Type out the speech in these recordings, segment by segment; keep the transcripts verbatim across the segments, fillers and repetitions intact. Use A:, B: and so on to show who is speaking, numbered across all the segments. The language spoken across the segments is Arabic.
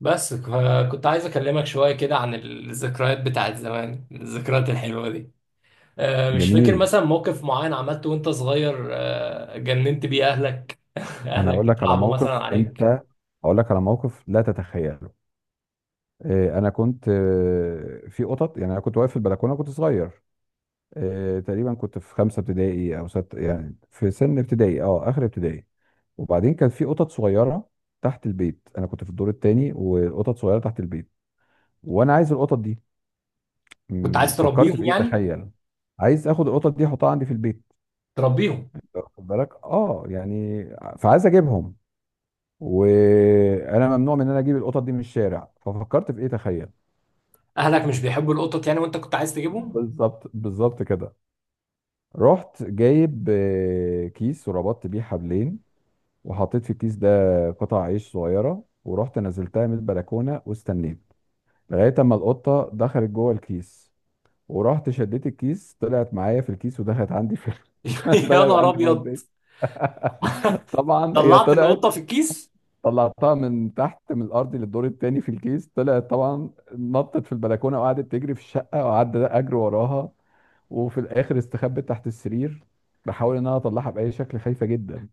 A: بس ف- كنت عايز اكلمك شويه كده عن الذكريات بتاعت زمان، الذكريات الحلوه دي. آه، مش فاكر
B: جميل.
A: مثلا موقف معين عملته وانت صغير، آه، جننت بيه اهلك
B: انا هقول
A: اهلك
B: لك على
A: اترعبوا مثلا
B: موقف،
A: عليك.
B: انت هقول لك على موقف لا تتخيله. آه، انا كنت آه، في قطط، يعني انا كنت واقف في البلكونه، كنت صغير. آه، تقريبا كنت في خمسه ابتدائي او ست، يعني في سن ابتدائي، اه اخر ابتدائي. وبعدين كان في قطط صغيره تحت البيت، انا كنت في الدور الثاني وقطط صغيره تحت البيت، وانا عايز القطط دي.
A: كنت
B: مم،
A: عايز
B: فكرت
A: تربيهم
B: في ايه
A: يعني.
B: تخيل؟ عايز اخد القطط دي احطها عندي في البيت،
A: تربيهم.
B: واخد بالك؟ اه يعني ع- فعايز اجيبهم، وانا ممنوع من ان انا اجيب القطط دي من الشارع. ففكرت في ايه تخيل؟
A: اهلك مش بيحبوا القطط يعني وانت كنت عايز تجيبهم.
B: بالظبط بالظبط كده. رحت جايب آه، كيس وربطت بيه حبلين، وحطيت في الكيس ده قطع عيش صغيره، ورحت نزلتها من البلكونه واستنيت لغايه اما القطه دخلت جوه الكيس، ورحت شديت الكيس، طلعت معايا في الكيس ودخلت عندي في…
A: يا
B: دخلت
A: نهار
B: عندي جوه
A: ابيض.
B: البيت. طبعا هي
A: طلعت
B: طلعت.
A: القطه في الكيس.
B: طلعتها من تحت من الارض للدور التاني في الكيس، طلعت طبعا، نطت في البلكونه وقعدت تجري في الشقه، وقعدت اجري وراها، وفي الاخر استخبت تحت السرير. بحاول ان انا اطلعها باي شكل، خايفه جدا،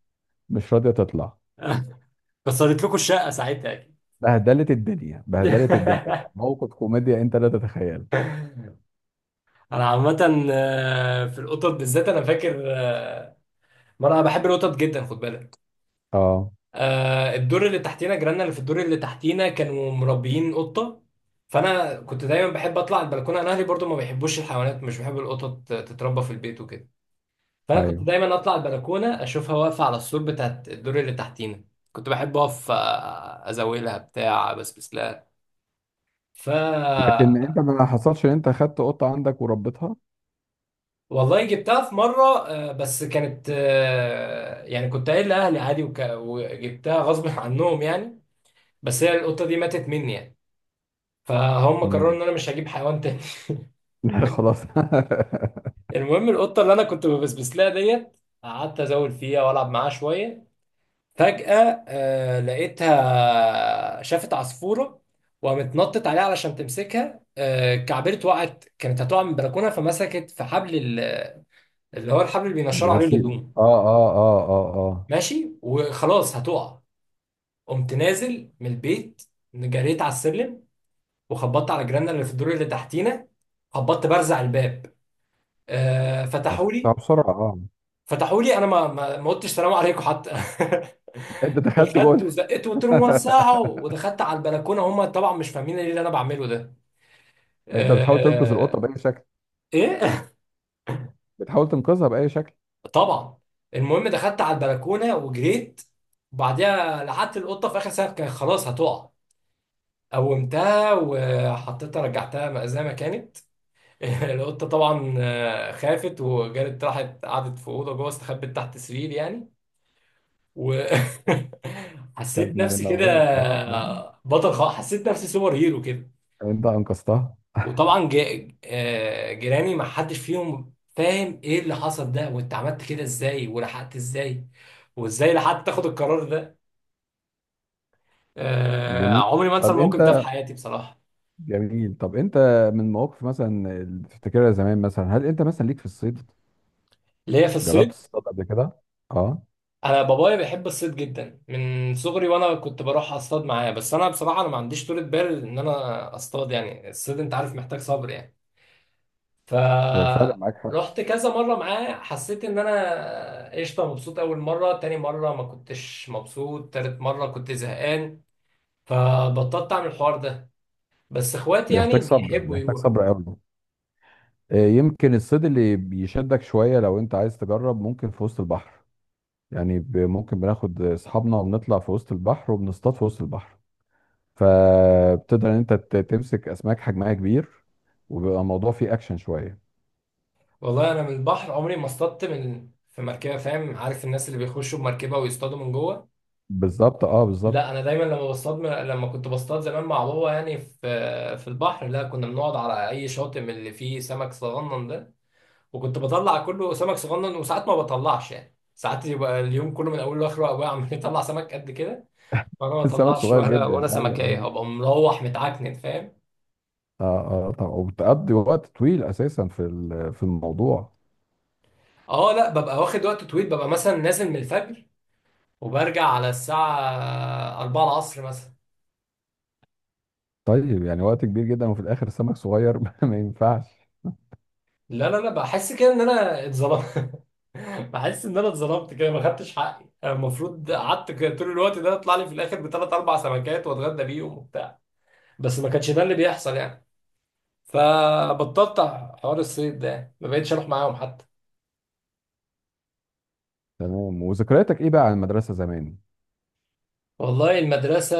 B: مش راضيه تطلع.
A: كسرت لكم الشقه ساعتها اكيد.
B: بهدلت الدنيا بهدلت الدنيا، كان موقف كوميديا انت لا تتخيل.
A: انا عامه آه، في القطط بالذات انا فاكر، آه، ما انا بحب القطط جدا، خد بالك.
B: اه،
A: آه الدور اللي تحتينا، جيراننا اللي في الدور اللي تحتينا كانوا مربيين قطه. فانا كنت دايما بحب اطلع البلكونه، انا اهلي برضو ما بيحبوش الحيوانات، مش بيحبوا القطط تتربى في البيت وكده. فانا كنت
B: ايوه.
A: دايما اطلع البلكونه اشوفها واقفه على السور بتاعت الدور اللي تحتينا. كنت بحب اقف، آه، ازاولها بتاع بسبس لها. ف
B: لكن انت ما حصلش ان انت خدت قطه عندك وربيتها؟
A: والله جبتها في مرة، آه، بس كانت، آه، يعني كنت قايل لأهلي عادي وك- وجبتها غصب عنهم يعني. بس هي القطة دي ماتت مني يعني. فهم قرروا
B: امم.
A: ان انا مش هجيب حيوان تاني.
B: لا خلاص.
A: المهم القطه اللي انا كنت ببسبس لها ديت، قعدت ازول فيها والعب معاها شويه. فجاه آه لقيتها شافت عصفوره وقامت نطت عليها علشان تمسكها، آه كعبرت وقعت، كانت هتقع من البلكونه، فمسكت في حبل ال- اللي هو الحبل اللي بينشروا عليه
B: الغسيل.
A: الهدوم.
B: اه اه اه اه اه.
A: ماشي وخلاص هتقع. قمت نازل من البيت، جريت على السلم وخبطت على جيراننا اللي في الدور اللي تحتينا، خبطت برزع الباب. آه فتحوا
B: عشان
A: لي.
B: بسرعه اه.
A: فتحوا لي انا ما ما ما قلتش سلام عليكم حتى.
B: انت دخلت
A: دخلت
B: جوه؟
A: وزقت وقلت لهم وسعوا ودخلت على البلكونه، هم طبعا مش فاهمين ايه اللي انا بعمله ده.
B: انت بتحاول تنقذ القطه
A: آه...
B: باي شكل؟
A: ايه.
B: بتحاول تنقذها باي شكل؟
A: طبعا. المهم دخلت على البلكونه وجريت وبعديها لحقت القطه في اخر سنه، كانت خلاص هتقع. قومتها وحطيتها رجعتها م- زي ما كانت. القطه طبعا آه، خافت وجرت راحت قعدت في اوضه جوه، استخبت تحت سرير يعني. وحسيت
B: كان
A: نفسي كده
B: موال اه آه.
A: بطل خالص، حسيت نفسي سوبر هيرو كده.
B: انت انقذتها.
A: وطبعا ج- آه، جيراني ما حدش فيهم فاهم ايه اللي حصل ده، وانت عملت كده ازاي، ولحقت ازاي، وازاي لحقت تاخد القرار ده. آه،
B: جميل.
A: عمري ما انسى
B: طب
A: الموقف ده في
B: انت
A: حياتي بصراحة.
B: جميل طب انت من مواقف مثلا اللي تفتكرها زمان، مثلا هل انت مثلا ليك في الصيد،
A: اللي هي في
B: جربت
A: الصيد.
B: تصطاد قبل كده؟ اه.
A: انا بابايا بيحب الصيد جدا من صغري وانا كنت بروح اصطاد معاه، بس انا بصراحة انا ما عنديش طولة بال ان انا اصطاد، يعني الصيد انت عارف محتاج صبر يعني.
B: ده فعلا معاك حق.
A: فرحت كذا مرة معاه، حسيت ان انا قشطة مبسوط اول مرة، تاني مرة ما كنتش مبسوط، تالت مرة كنت زهقان. فبطلت اعمل الحوار ده، بس اخواتي يعني
B: بيحتاج صبر،
A: بيحبوا
B: بيحتاج
A: يروحوا.
B: صبر قوي. آه، يمكن الصيد اللي بيشدك شويه لو انت عايز تجرب ممكن في وسط البحر، يعني ب- ممكن بناخد اصحابنا وبنطلع في وسط البحر وبنصطاد في وسط البحر، فبتقدر ان انت ت- تمسك اسماك حجمها كبير، وبيبقى الموضوع فيه اكشن شويه.
A: والله انا من البحر عمري ما اصطدت من في مركبة، فاهم، عارف الناس اللي بيخشوا بمركبة ويصطادوا من جوه.
B: بالظبط اه بالظبط.
A: لا انا دايما لما بصطاد، لما كنت بصطاد زمان مع بابا يعني في في البحر، لا كنا بنقعد على اي شاطئ من اللي فيه سمك صغنن ده، وكنت بطلع كله سمك صغنن، وساعات ما بطلعش، يعني ساعات يبقى اليوم كله من اوله لاخره ابويا عمال يطلع سمك قد كده وانا ما
B: السمك
A: بطلعش
B: صغير
A: ولا ولا
B: جدا. ايوه
A: سمكايه،
B: ايوه.
A: هبقى مروح متعكنن، فاهم.
B: اه اه طبعا، وبتقضي وقت طويل اساسا في ال- في الموضوع.
A: اه لا ببقى واخد وقت طويل، ببقى مثلا نازل من الفجر وبرجع على الساعه الرابعه العصر مثلا.
B: طيب يعني وقت كبير جدا وفي الاخر السمك صغير، ما ينفعش.
A: لا لا لا، بحس كده ان انا اتظلمت، بحس ان انا اتظلمت كده، ما خدتش حقي، أنا المفروض قعدت كده طول الوقت ده يطلع لي في الاخر بثلاث اربع سمكات واتغدى بيهم وبتاع، بس ما كانش ده اللي بيحصل يعني، فبطلت حوار الصيد ده، ما بقتش اروح معاهم حتى.
B: تمام. وذكرياتك ايه بقى عن المدرسه زمان؟
A: والله المدرسة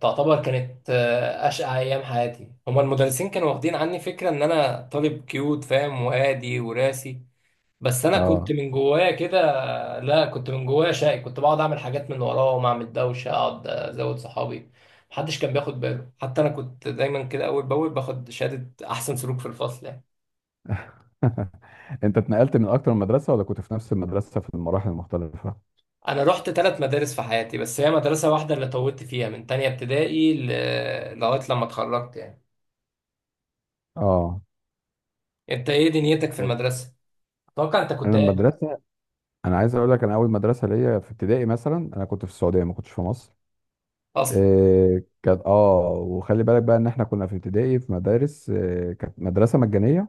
A: تعتبر كانت، آه، أشقى أيام حياتي، هما المدرسين كانوا واخدين عني فكرة إن أنا طالب كيوت، فاهم، وهادي وراسي، بس أنا كنت
B: اه.
A: من جوايا كده. لا كنت من جوايا شقي، كنت بقعد أعمل حاجات من وراهم، أعمل دوشة، أقعد أزود صحابي، محدش كان بياخد باله، حتى أنا كنت دايما كده أول بأول باخد شهادة أحسن سلوك في الفصل يعني.
B: انت اتنقلت من اكتر من مدرسه ولا كنت في نفس المدرسه في المراحل المختلفه؟
A: انا رحت ثلاث مدارس في حياتي، بس هي مدرسة واحدة اللي طولت فيها من تانية ابتدائي ل... لغاية لما اتخرجت يعني.
B: اه.
A: انت ايه دنيتك في المدرسة؟ اتوقع انت كنت
B: انا
A: قاعد
B: المدرسه انا عايز اقول لك، انا اول مدرسه ليا في ابتدائي مثلا انا كنت في السعوديه، ما كنتش في مصر.
A: اصلا.
B: إيه كانت، اه، وخلي بالك بقى ان احنا كنا في ابتدائي في مدارس، إيه كانت مدرسه مجانيه،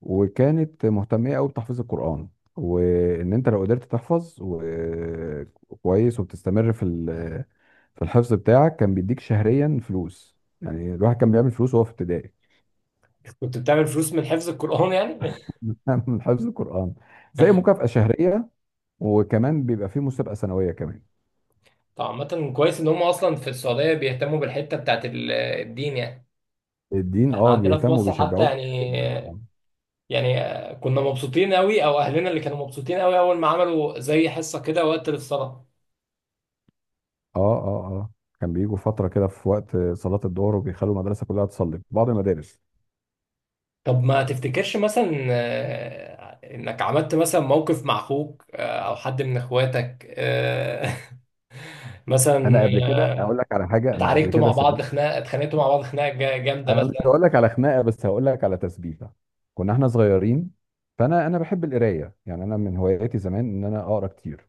B: وكانت مهتميه قوي بتحفيظ القران. وان انت لو قدرت تحفظ و- كويس وبتستمر في ال- في الحفظ بتاعك، كان بيديك شهريا فلوس، يعني الواحد كان بيعمل فلوس وهو في ابتدائي.
A: كنت بتعمل فلوس من حفظ القرآن يعني؟
B: من حفظ القران، زي مكافأة شهريه، وكمان بيبقى فيه مسابقه سنويه كمان.
A: طب عامة كويس ان هم اصلا في السعودية بيهتموا بالحتة بتاعت ال- الدين يعني.
B: الدين
A: احنا
B: اه،
A: عندنا في
B: بيهتموا
A: مصر حتى
B: وبيشجعوك بيها جدا
A: يعني،
B: اه.
A: يعني كنا مبسوطين قوي، او اهلنا اللي كانوا مبسوطين قوي، اول ما عملوا زي حصة كده وقت الصلاة.
B: اه اه اه. كان بيجوا فتره كده في وقت صلاه الظهر وبيخلوا المدرسه كلها تصلي في بعض المدارس.
A: طب ما تفتكرش مثلا، آه، انك عملت مثلا موقف مع اخوك، آه، او حد من اخواتك، آه، مثلا،
B: انا قبل
A: آه،
B: كده اقول لك على حاجه، انا قبل
A: اتعاركتوا
B: كده
A: مع بعض
B: سبت.
A: خناقه، اتخانقتوا مع بعض خناقه جا- جامده
B: انا مش
A: مثلا.
B: هقول لك على خناقه بس هقول لك على تسبيحه. كنا احنا صغيرين، فانا انا بحب القرايه، يعني انا من هواياتي زمان ان انا اقرا كتير.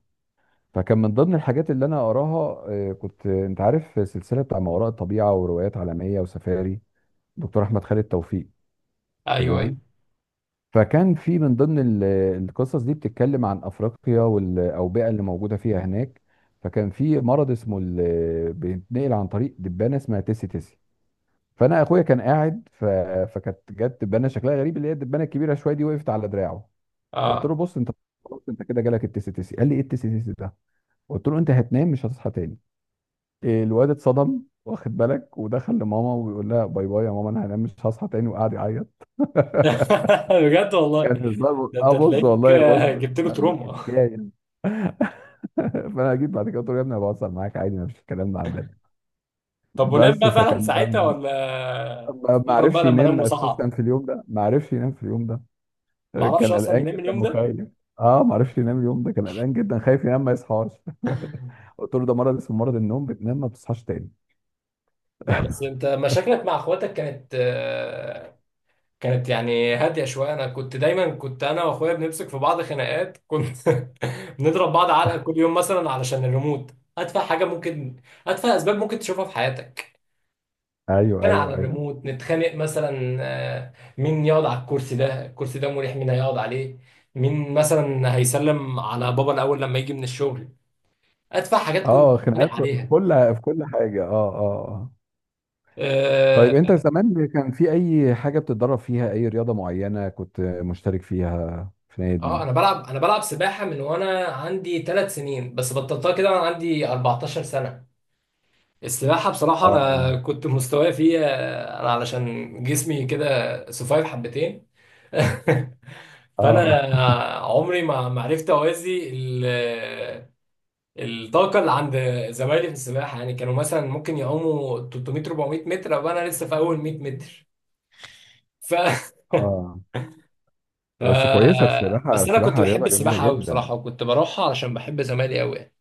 B: فكان من ضمن الحاجات اللي انا اقراها، آه، كنت، آه، انت عارف، سلسله بتاع ما وراء الطبيعه وروايات عالميه وسفاري، دكتور احمد خالد توفيق.
A: ايوه ايوه
B: تمام. فكان في من ضمن ال- القصص دي بتتكلم عن افريقيا والاوبئه اللي موجوده فيها هناك. فكان في مرض اسمه ال- بيتنقل عن طريق دبانه اسمها تيسي تيسي. فانا اخويا كان قاعد ف… فكانت جت دبانه شكلها غريب، اللي هي الدبانه الكبيره شويه دي، وقفت على دراعه. قلت له
A: اه.
B: بص انت، خلاص انت كده جالك التيسي تيسي. قال لي ايه التيسي تيسي ده؟ قلت له انت هتنام مش هتصحى تاني. الواد اتصدم، واخد بالك، ودخل لماما وبيقول لها باي باي يا ماما، انا هنام مش هصحى تاني، وقعد يعيط.
A: بجد والله،
B: كان هزار،
A: ده
B: اه
A: انت
B: بص
A: تلاقيك
B: والله،
A: آه،
B: بص
A: جبت له
B: كان
A: تروما.
B: حكايه. فانا جيت بعد كده قلت له يا ابني أنا بهزر معاك عادي، ما فيش الكلام ده عندنا.
A: طب ونام
B: بس
A: بقى فعلا
B: فكان ده
A: ساعتها
B: الموضوع.
A: ولا
B: ما ما
A: استغرب بقى
B: عرفش
A: لما نام
B: ينام
A: وصحى؟
B: اساسا في اليوم ده، ما عرفش ينام في اليوم ده،
A: ما اعرفش
B: كان
A: اصلا
B: قلقان
A: ينام
B: جدا
A: اليوم ده.
B: وخايف. اه ما عرفش ينام اليوم ده، كان قلقان جدا، خايف ينام ما يصحاش. قلت له ده مرض اسمه مرض النوم، بتنام ما بتصحاش تاني.
A: لا بس انت مشاكلك مع اخواتك كانت، آه، كانت يعني هادية شوية. أنا كنت دايما، كنت أنا وأخويا بنمسك في بعض خناقات، كنت بنضرب بعض علقة كل يوم مثلا علشان الريموت. أتفه حاجة ممكن، أتفه أسباب ممكن تشوفها في حياتك.
B: ايوه
A: كان
B: ايوه
A: على
B: ايوه.
A: الريموت نتخانق مثلا، آه، مين يقعد على الكرسي ده، الكرسي ده مريح مين هيقعد عليه، مين مثلا هيسلم على بابا الأول لما يجي من الشغل. أتفه حاجات كنا
B: اه، خناقات
A: بنتخانق
B: في
A: عليها.
B: كل في كل حاجه اه اه آه.
A: آه
B: طيب انت زمان كان في اي حاجة بتتدرب فيها، اي رياضة معينة كنت مشترك فيها في
A: آه،
B: نادي؟
A: أنا بلعب أنا بلعب سباحة من وأنا عندي ثلاث سنين بس بطلتها كده وأنا عندي اربعتاشر سنة. السباحة بصراحة
B: اه.
A: أنا كنت مستواي فيها، أنا علشان جسمي كده سفايف حبتين. فأنا
B: اه.
A: عمري ما ما عرفت أوازي ال- الطاقة اللي عند زمايلي في السباحة، يعني كانوا مثلا ممكن يعوموا ثلاثمائة اربعمائة متر وأنا لسه في أول ميه متر. ف...
B: اه.
A: ف...
B: بس كويسة السباحة،
A: بس أنا كنت
B: السباحة
A: بحب
B: رياضة جميلة
A: السباحة أوي
B: جدا.
A: بصراحة، وكنت بروحها علشان بحب زمايلي أوي يعني.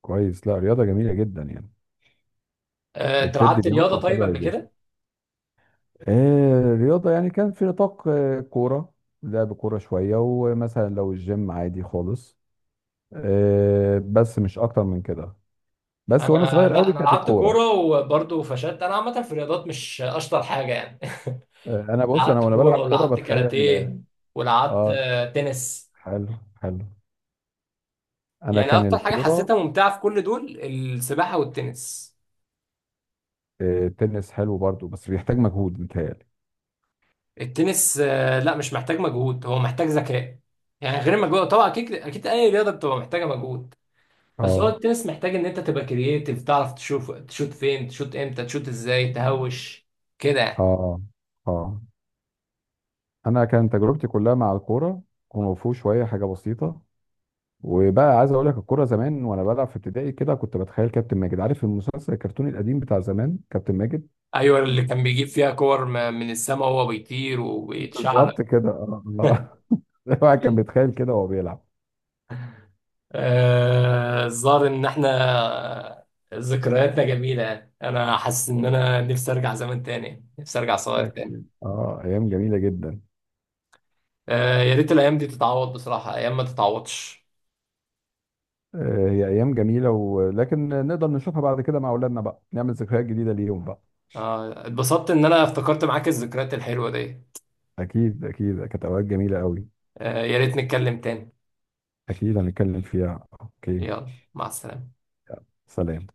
B: كويس، لا رياضة جميلة جدا يعني،
A: أه، أنت
B: وبتدي
A: لعبت رياضة
B: لياقة
A: طيب
B: حلوة
A: قبل
B: للجسم.
A: كده؟
B: آه رياضة، يعني كان في نطاق آه كورة، لعب كورة شوية، ومثلا لو الجيم عادي خالص. آه، بس مش أكتر من كده. بس وأنا
A: انا
B: صغير
A: لا
B: قوي
A: انا
B: كانت
A: لعبت
B: الكورة.
A: كوره وبرضه فشلت، انا عامه في الرياضات مش اشطر حاجه يعني.
B: آه أنا بص، أنا
A: لعبت
B: وأنا بلعب
A: كوره
B: كورة
A: ولعبت
B: بتخيل.
A: كاراتيه ولعبت،
B: آه.
A: آه، تنس.
B: حلو. حلو. انا
A: يعني
B: كان
A: اكتر حاجه
B: الكوره.
A: حسيتها ممتعه في كل دول السباحه والتنس.
B: آه، التنس حلو برضو بس بيحتاج مجهود متهيألي.
A: التنس، آه، لا مش محتاج مجهود، هو محتاج ذكاء، يعني غير مجهود طبعا، اكيد اكيد اي رياضه بتبقى محتاجه مجهود، بس هو
B: اه
A: التنس محتاج ان انت تبقى كرييتيف، تعرف تشوف تشوت فين، تشوت امتى، تشوت ازاي، تهوش كده يعني.
B: اه اه. انا كان تجربتي كلها مع الكوره، كونغ فو شويه حاجه بسيطه. وبقى عايز اقول لك، الكوره زمان وانا بلعب في ابتدائي كده كنت بتخيل كابتن ماجد، عارف المسلسل الكرتوني القديم بتاع زمان، كابتن ماجد.
A: ايوه اللي كان بيجيب فيها كور م- من السماء وهو بيطير، اه، وبيتشعلق.
B: بالظبط كده اه آه. الواحد كان بيتخيل كده وهو بيلعب.
A: آه، الظاهر ان احنا ذكرياتنا جميله يعني، انا حاسس ان انا نفسي ارجع زمان تاني، نفسي ارجع صغير تاني.
B: أكيد اه، ايام جميله جدا.
A: آه، يا ريت الايام دي تتعوض بصراحه، ايام ما تتعوضش.
B: آه، هي ايام جميله، ولكن نقدر نشوفها بعد كده مع اولادنا بقى، نعمل ذكريات جديده ليهم بقى.
A: آه، اتبسطت ان انا افتكرت معاك الذكريات الحلوه دي.
B: اكيد اكيد، كانت اوقات جميله قوي.
A: آه، يا ريت نتكلم تاني.
B: اكيد هنتكلم فيها، اوكي.
A: يلا مع السلامه.
B: سلام.